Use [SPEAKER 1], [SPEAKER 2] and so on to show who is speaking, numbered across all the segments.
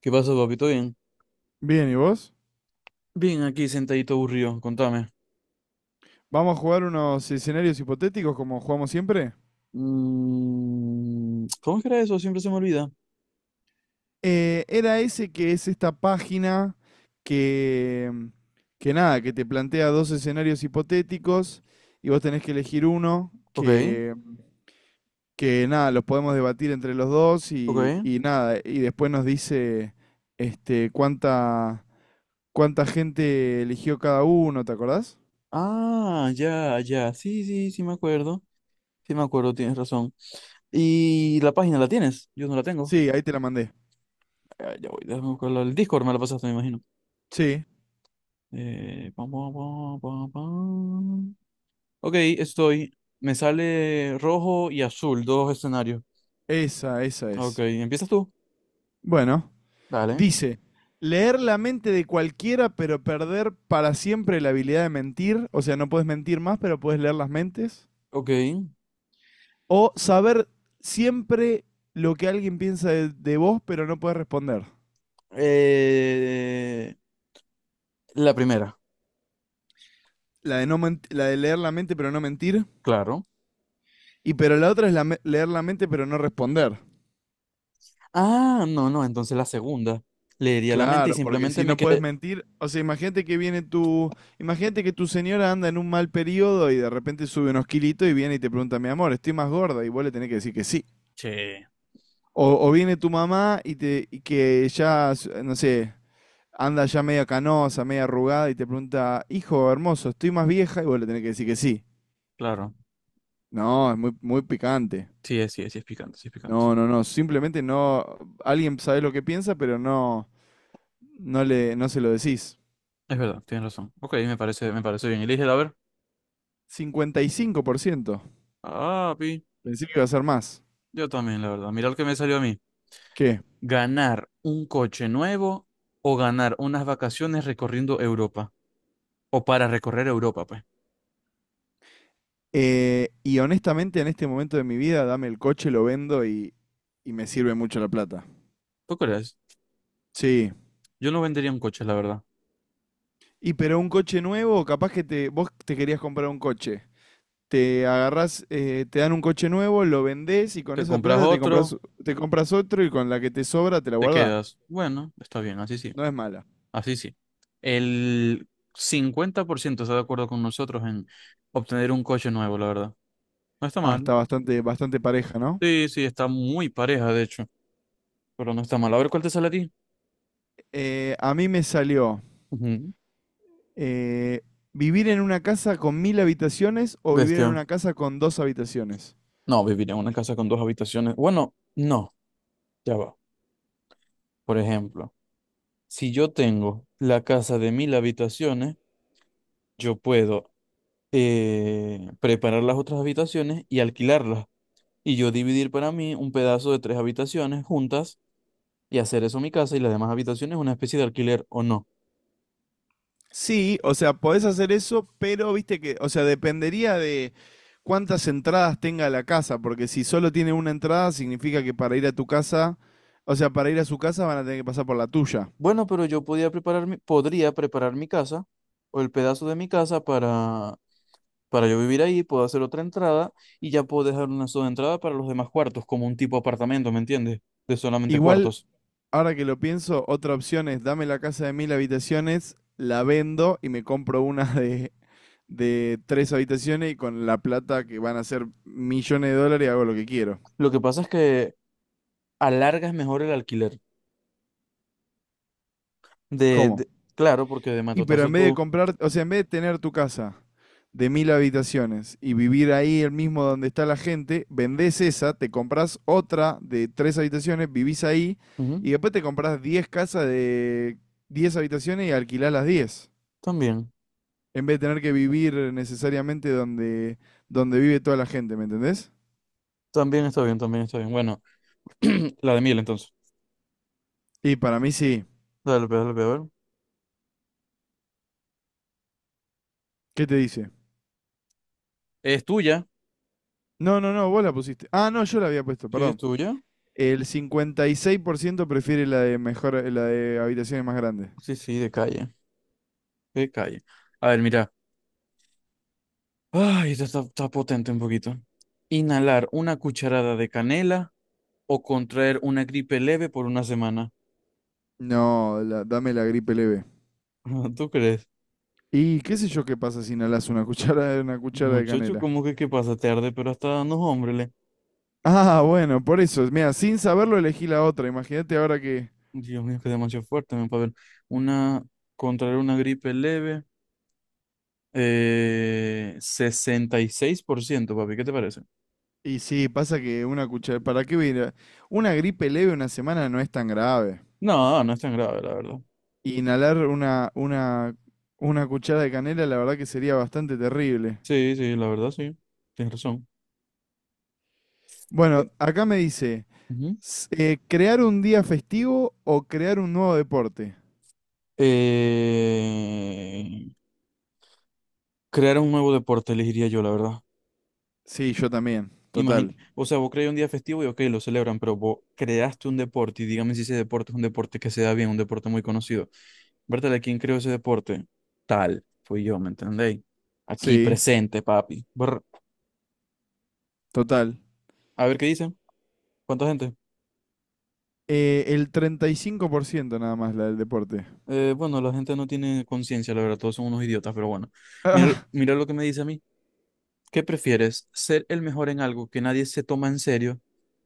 [SPEAKER 1] ¿Qué pasó, papito? Bien.
[SPEAKER 2] Bien, ¿y vos?
[SPEAKER 1] Bien, aquí sentadito aburrido, contame.
[SPEAKER 2] Vamos a jugar unos escenarios hipotéticos como jugamos siempre.
[SPEAKER 1] ¿Cómo es que era eso? Siempre se me olvida.
[SPEAKER 2] Era ese que es esta página que, que nada, que te plantea dos escenarios hipotéticos y vos tenés que elegir uno
[SPEAKER 1] Ok,
[SPEAKER 2] que nada, los podemos debatir entre los dos y,
[SPEAKER 1] ok.
[SPEAKER 2] y nada, y después nos dice este, cuánta, cuánta gente eligió cada uno, ¿te acordás?
[SPEAKER 1] Ah, ya, ya. Sí, sí, sí me acuerdo. Sí me acuerdo, tienes razón. ¿Y la página la tienes? Yo no la tengo.
[SPEAKER 2] Sí, ahí te la mandé.
[SPEAKER 1] Ah, ya voy, déjame buscarla. El Discord me la pasaste, me imagino.
[SPEAKER 2] Sí,
[SPEAKER 1] Pam, pam, pam, pam, pam. Ok, estoy. Me sale rojo y azul, dos escenarios.
[SPEAKER 2] esa
[SPEAKER 1] Ok,
[SPEAKER 2] es.
[SPEAKER 1] ¿empiezas tú?
[SPEAKER 2] Bueno,
[SPEAKER 1] Dale.
[SPEAKER 2] dice, leer la mente de cualquiera, pero perder para siempre la habilidad de mentir. O sea, no puedes mentir más, pero puedes leer las mentes.
[SPEAKER 1] Ok.
[SPEAKER 2] O saber siempre lo que alguien piensa de vos, pero no puedes responder.
[SPEAKER 1] Eh, La primera,
[SPEAKER 2] La de, no la de leer la mente, pero no mentir.
[SPEAKER 1] claro.
[SPEAKER 2] Y pero la otra es la leer la mente, pero no responder.
[SPEAKER 1] Ah, no, no, entonces la segunda. Leería la mente y
[SPEAKER 2] Claro, porque
[SPEAKER 1] simplemente
[SPEAKER 2] si
[SPEAKER 1] me
[SPEAKER 2] no puedes
[SPEAKER 1] quedé.
[SPEAKER 2] mentir, o sea, imagínate que viene tu, imagínate que tu señora anda en un mal periodo y de repente sube unos kilitos y viene y te pregunta, mi amor, estoy más gorda, y vos le tenés que decir que sí.
[SPEAKER 1] Che,
[SPEAKER 2] O viene tu mamá y, te, y que ya, no sé, anda ya media canosa, media arrugada y te pregunta, hijo hermoso, estoy más vieja y vos le tenés que decir que sí.
[SPEAKER 1] claro.
[SPEAKER 2] No, es muy, muy picante.
[SPEAKER 1] Sí, es picante, sí, es picante.
[SPEAKER 2] No, no, no, simplemente no, alguien sabe lo que piensa, pero no, no le, no se lo decís.
[SPEAKER 1] Es verdad, tienes razón. Ok, me parece bien. Elige, a ver.
[SPEAKER 2] 55%.
[SPEAKER 1] Ah, pi.
[SPEAKER 2] Pensé que iba a ser más.
[SPEAKER 1] Yo también, la verdad. Mira lo que me salió a mí.
[SPEAKER 2] ¿Qué?
[SPEAKER 1] ¿Ganar un coche nuevo o ganar unas vacaciones recorriendo Europa? O para recorrer Europa, pues.
[SPEAKER 2] Y honestamente en este momento de mi vida, dame el coche, lo vendo y me sirve mucho la plata.
[SPEAKER 1] ¿Tú crees?
[SPEAKER 2] Sí,
[SPEAKER 1] Yo no vendería un coche, la verdad.
[SPEAKER 2] y pero un coche nuevo, capaz que te, vos te querías comprar un coche. Te agarrás, te dan un coche nuevo, lo vendés y con
[SPEAKER 1] Te
[SPEAKER 2] esa
[SPEAKER 1] compras
[SPEAKER 2] plata te
[SPEAKER 1] otro,
[SPEAKER 2] compras, te compras otro y con la que te sobra te la
[SPEAKER 1] te
[SPEAKER 2] guardás.
[SPEAKER 1] quedas. Bueno, está bien, así sí.
[SPEAKER 2] No es mala.
[SPEAKER 1] Así sí. El 50% está de acuerdo con nosotros en obtener un coche nuevo, la verdad. No está
[SPEAKER 2] Ah,
[SPEAKER 1] mal.
[SPEAKER 2] está bastante, bastante pareja, ¿no?
[SPEAKER 1] Sí, sí, está muy pareja, de hecho. Pero no está mal. A ver cuál te sale a ti.
[SPEAKER 2] A mí me salió
[SPEAKER 1] Ujú.
[SPEAKER 2] eh, vivir en una casa con mil habitaciones o vivir en
[SPEAKER 1] Bestia.
[SPEAKER 2] una casa con dos habitaciones.
[SPEAKER 1] No, vivir en una casa con dos habitaciones. Bueno, no, ya va. Por ejemplo, si yo tengo la casa de mil habitaciones, yo puedo preparar las otras habitaciones y alquilarlas. Y yo dividir para mí un pedazo de tres habitaciones juntas y hacer eso mi casa y las demás habitaciones una especie de alquiler o no.
[SPEAKER 2] Sí, o sea, podés hacer eso, pero viste que, o sea, dependería de cuántas entradas tenga la casa, porque si solo tiene una entrada, significa que para ir a tu casa, o sea, para ir a su casa van a tener que pasar por la tuya.
[SPEAKER 1] Bueno, pero yo podría preparar mi casa o el pedazo de mi casa para yo vivir ahí, puedo hacer otra entrada y ya puedo dejar una sola entrada para los demás cuartos, como un tipo apartamento, ¿me entiendes? De solamente
[SPEAKER 2] Igual,
[SPEAKER 1] cuartos.
[SPEAKER 2] ahora que lo pienso, otra opción es dame la casa de mil habitaciones, la vendo y me compro una de tres habitaciones y con la plata que van a ser millones de dólares hago lo que quiero.
[SPEAKER 1] Lo que pasa es que alargas mejor el alquiler. De,
[SPEAKER 2] ¿Cómo?
[SPEAKER 1] de- claro, porque de
[SPEAKER 2] Y pero
[SPEAKER 1] matotazo
[SPEAKER 2] en vez de
[SPEAKER 1] tú...
[SPEAKER 2] comprar, o sea, en vez de tener tu casa de mil habitaciones y vivir ahí el mismo donde está la gente, vendés esa, te compras otra de tres habitaciones, vivís ahí
[SPEAKER 1] Ujú,
[SPEAKER 2] y después te compras 10 casas de 10 habitaciones y alquilás las 10
[SPEAKER 1] también,
[SPEAKER 2] en vez de tener que vivir necesariamente donde, vive toda la gente, ¿me entendés?
[SPEAKER 1] también está bien, también está bien. Bueno, la de miel entonces.
[SPEAKER 2] Y para mí sí.
[SPEAKER 1] Dale, pues, a ver.
[SPEAKER 2] ¿Qué te dice?
[SPEAKER 1] ¿Es tuya?
[SPEAKER 2] No, no, no, vos la pusiste. Ah, no, yo la había puesto,
[SPEAKER 1] Sí, es
[SPEAKER 2] perdón.
[SPEAKER 1] tuya.
[SPEAKER 2] El 56% prefiere la de mejor, la de habitaciones más grandes.
[SPEAKER 1] Sí, sí, de calle. Qué calle. A ver, mira. Ay, esto está, está potente un poquito. Inhalar una cucharada de canela o contraer una gripe leve por una semana.
[SPEAKER 2] No, dame la gripe leve.
[SPEAKER 1] ¿Tú crees?
[SPEAKER 2] Y qué sé yo qué pasa si inhalas una cuchara de una cuchara de
[SPEAKER 1] Muchacho,
[SPEAKER 2] canela.
[SPEAKER 1] ¿cómo que qué pasa? Te arde, pero hasta no, hombre.
[SPEAKER 2] Ah, bueno, por eso. Mira, sin saberlo elegí la otra. Imagínate ahora que.
[SPEAKER 1] Dios mío, que demasiado fuerte, me para ver. Una, contraer una gripe leve, 66%, papi, ¿qué te parece?
[SPEAKER 2] Y sí, pasa que una cuchara. ¿Para qué voy a ir Una gripe leve una semana no es tan grave.
[SPEAKER 1] No, no es tan grave, la verdad.
[SPEAKER 2] Y inhalar una cuchara de canela, la verdad que sería bastante terrible.
[SPEAKER 1] Sí, sí, la verdad, sí. Tienes razón. Eh,
[SPEAKER 2] Bueno, acá me dice:
[SPEAKER 1] ujú.
[SPEAKER 2] ¿crear un día festivo o crear un nuevo deporte?
[SPEAKER 1] Eh, Crear un nuevo deporte, elegiría yo, la verdad.
[SPEAKER 2] Sí, yo también.
[SPEAKER 1] Imagina,
[SPEAKER 2] Total.
[SPEAKER 1] o sea, vos creas un día festivo y ok, lo celebran, pero vos creaste un deporte y dígame si ese deporte es un deporte que se da bien, un deporte muy conocido. Bertale, ¿quién creó ese deporte? Tal, fui yo, ¿me entendéis? Aquí
[SPEAKER 2] Sí,
[SPEAKER 1] presente, papi. Brr.
[SPEAKER 2] total.
[SPEAKER 1] A ver qué dice. ¿Cuánta gente?
[SPEAKER 2] El 35% nada más la del deporte.
[SPEAKER 1] Bueno, la gente no tiene conciencia, la verdad, todos son unos idiotas, pero bueno. Mira,
[SPEAKER 2] Ah,
[SPEAKER 1] mira lo que me dice a mí. ¿Qué prefieres? ¿Ser el mejor en algo que nadie se toma en serio?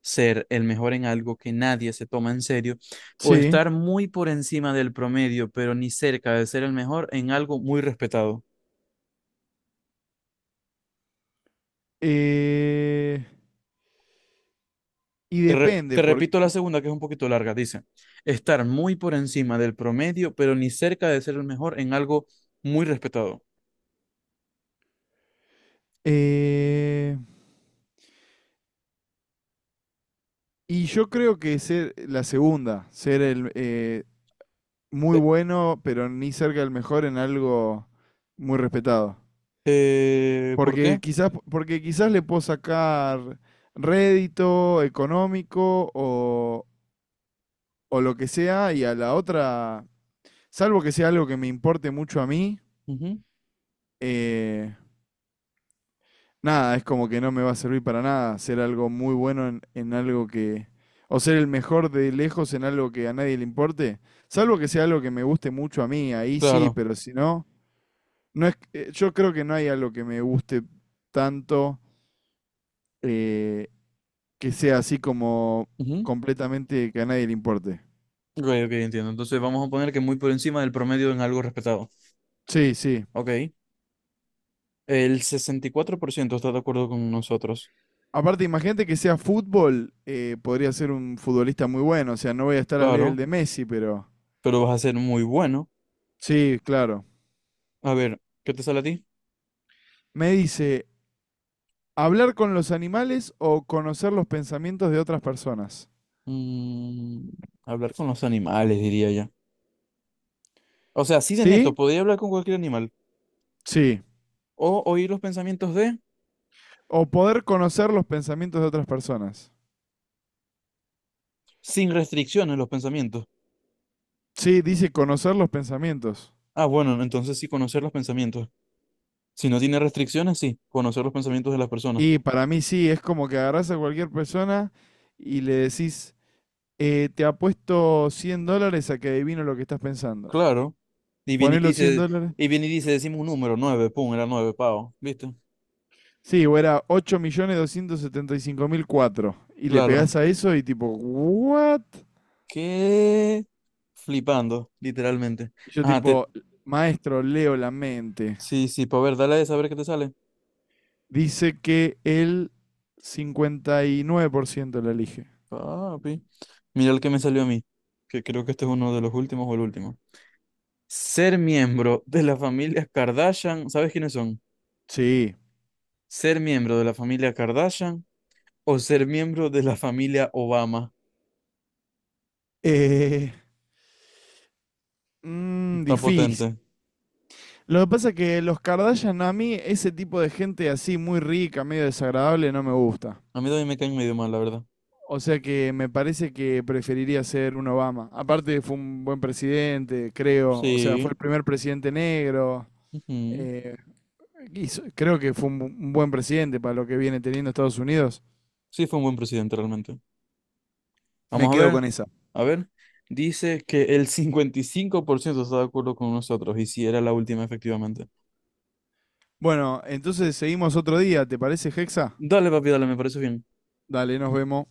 [SPEAKER 1] ¿Ser el mejor en algo que nadie se toma en serio? ¿O
[SPEAKER 2] sí.
[SPEAKER 1] estar muy por encima del promedio, pero ni cerca de ser el mejor en algo muy respetado?
[SPEAKER 2] Eh, y
[SPEAKER 1] Te re-
[SPEAKER 2] depende,
[SPEAKER 1] te repito la segunda, que es un poquito larga. Dice, estar muy por encima del promedio, pero ni cerca de ser el mejor en algo muy respetado.
[SPEAKER 2] eh, y yo creo que ser la segunda, ser el muy
[SPEAKER 1] Eh,
[SPEAKER 2] bueno, pero ni cerca del mejor en algo muy respetado.
[SPEAKER 1] ¿por
[SPEAKER 2] Porque
[SPEAKER 1] qué?
[SPEAKER 2] quizás, porque quizás le puedo sacar rédito económico o lo que sea, y a la otra, salvo que sea algo que me importe mucho a mí,
[SPEAKER 1] Ujú,
[SPEAKER 2] eh, nada, es como que no me va a servir para nada ser algo muy bueno en algo que... O ser el mejor de lejos en algo que a nadie le importe. Salvo que sea algo que me guste mucho a mí, ahí sí,
[SPEAKER 1] claro.
[SPEAKER 2] pero si no, no es, yo creo que no hay algo que me guste tanto eh, que sea así como
[SPEAKER 1] Ujú.
[SPEAKER 2] completamente que a nadie le importe.
[SPEAKER 1] Ok, ok, entiendo. Entonces vamos a poner que muy por encima del promedio en algo respetado.
[SPEAKER 2] Sí, sí.
[SPEAKER 1] Ok. El 64% está de acuerdo con nosotros.
[SPEAKER 2] Aparte, imagínate que sea fútbol, podría ser un futbolista muy bueno. O sea, no voy a estar al nivel
[SPEAKER 1] Claro,
[SPEAKER 2] de Messi, pero...
[SPEAKER 1] pero vas a ser muy bueno.
[SPEAKER 2] Sí, claro.
[SPEAKER 1] A ver, ¿qué te sale a ti?
[SPEAKER 2] Me dice, hablar con los animales o conocer los pensamientos de otras personas.
[SPEAKER 1] Mm, hablar con los animales, diría ya. O sea, así de neto,
[SPEAKER 2] ¿Sí?
[SPEAKER 1] podría hablar con cualquier animal.
[SPEAKER 2] Sí.
[SPEAKER 1] O oír los pensamientos de,
[SPEAKER 2] O poder conocer los pensamientos de otras personas.
[SPEAKER 1] sin restricciones, los pensamientos.
[SPEAKER 2] Sí, dice conocer los pensamientos.
[SPEAKER 1] Ah, bueno, entonces sí, conocer los pensamientos. Si no tiene restricciones, sí, conocer los pensamientos de las personas.
[SPEAKER 2] Y para mí sí, es como que agarrás a cualquier persona y le decís, te apuesto $100 a que adivino lo que estás pensando.
[SPEAKER 1] Claro. Y viene y
[SPEAKER 2] Ponés los cien
[SPEAKER 1] dice,
[SPEAKER 2] dólares.
[SPEAKER 1] y viene y dice, decimos un número, nueve, pum, era nueve, pavo, ¿viste?
[SPEAKER 2] Sí, o era 8.275.004. Y 5004. Y le
[SPEAKER 1] Claro.
[SPEAKER 2] pegás a eso y tipo, ¿what?
[SPEAKER 1] ¿Qué? Flipando, literalmente.
[SPEAKER 2] Y yo
[SPEAKER 1] Ajá,
[SPEAKER 2] tipo, maestro, leo la mente.
[SPEAKER 1] sí, sí, para ver, dale a ver qué te sale.
[SPEAKER 2] Dice que el 59% la elige.
[SPEAKER 1] Papi. Mira el que me salió a mí, que creo que este es uno de los últimos o el último. Ser miembro de la familia Kardashian, ¿sabes quiénes son?
[SPEAKER 2] Sí.
[SPEAKER 1] Ser miembro de la familia Kardashian o ser miembro de la familia Obama.
[SPEAKER 2] Eh,
[SPEAKER 1] Está
[SPEAKER 2] Difícil.
[SPEAKER 1] potente.
[SPEAKER 2] Lo que pasa es que los Kardashian, a mí ese tipo de gente así muy rica, medio desagradable, no me gusta.
[SPEAKER 1] A mí también me caen medio mal, la verdad.
[SPEAKER 2] O sea que me parece que preferiría ser un Obama. Aparte fue un buen presidente, creo. O sea, fue
[SPEAKER 1] Sí.
[SPEAKER 2] el primer presidente negro.
[SPEAKER 1] Ujú.
[SPEAKER 2] Eh, Creo que fue un un buen presidente para lo que viene teniendo Estados Unidos.
[SPEAKER 1] Sí, fue un buen presidente realmente.
[SPEAKER 2] Me
[SPEAKER 1] Vamos a
[SPEAKER 2] quedo
[SPEAKER 1] ver.
[SPEAKER 2] con esa.
[SPEAKER 1] A ver, dice que el 55% está de acuerdo con nosotros y si era la última, efectivamente.
[SPEAKER 2] Bueno, entonces seguimos otro día, ¿te parece, Hexa?
[SPEAKER 1] Dale, papi, dale, me parece bien.
[SPEAKER 2] Dale, nos vemos.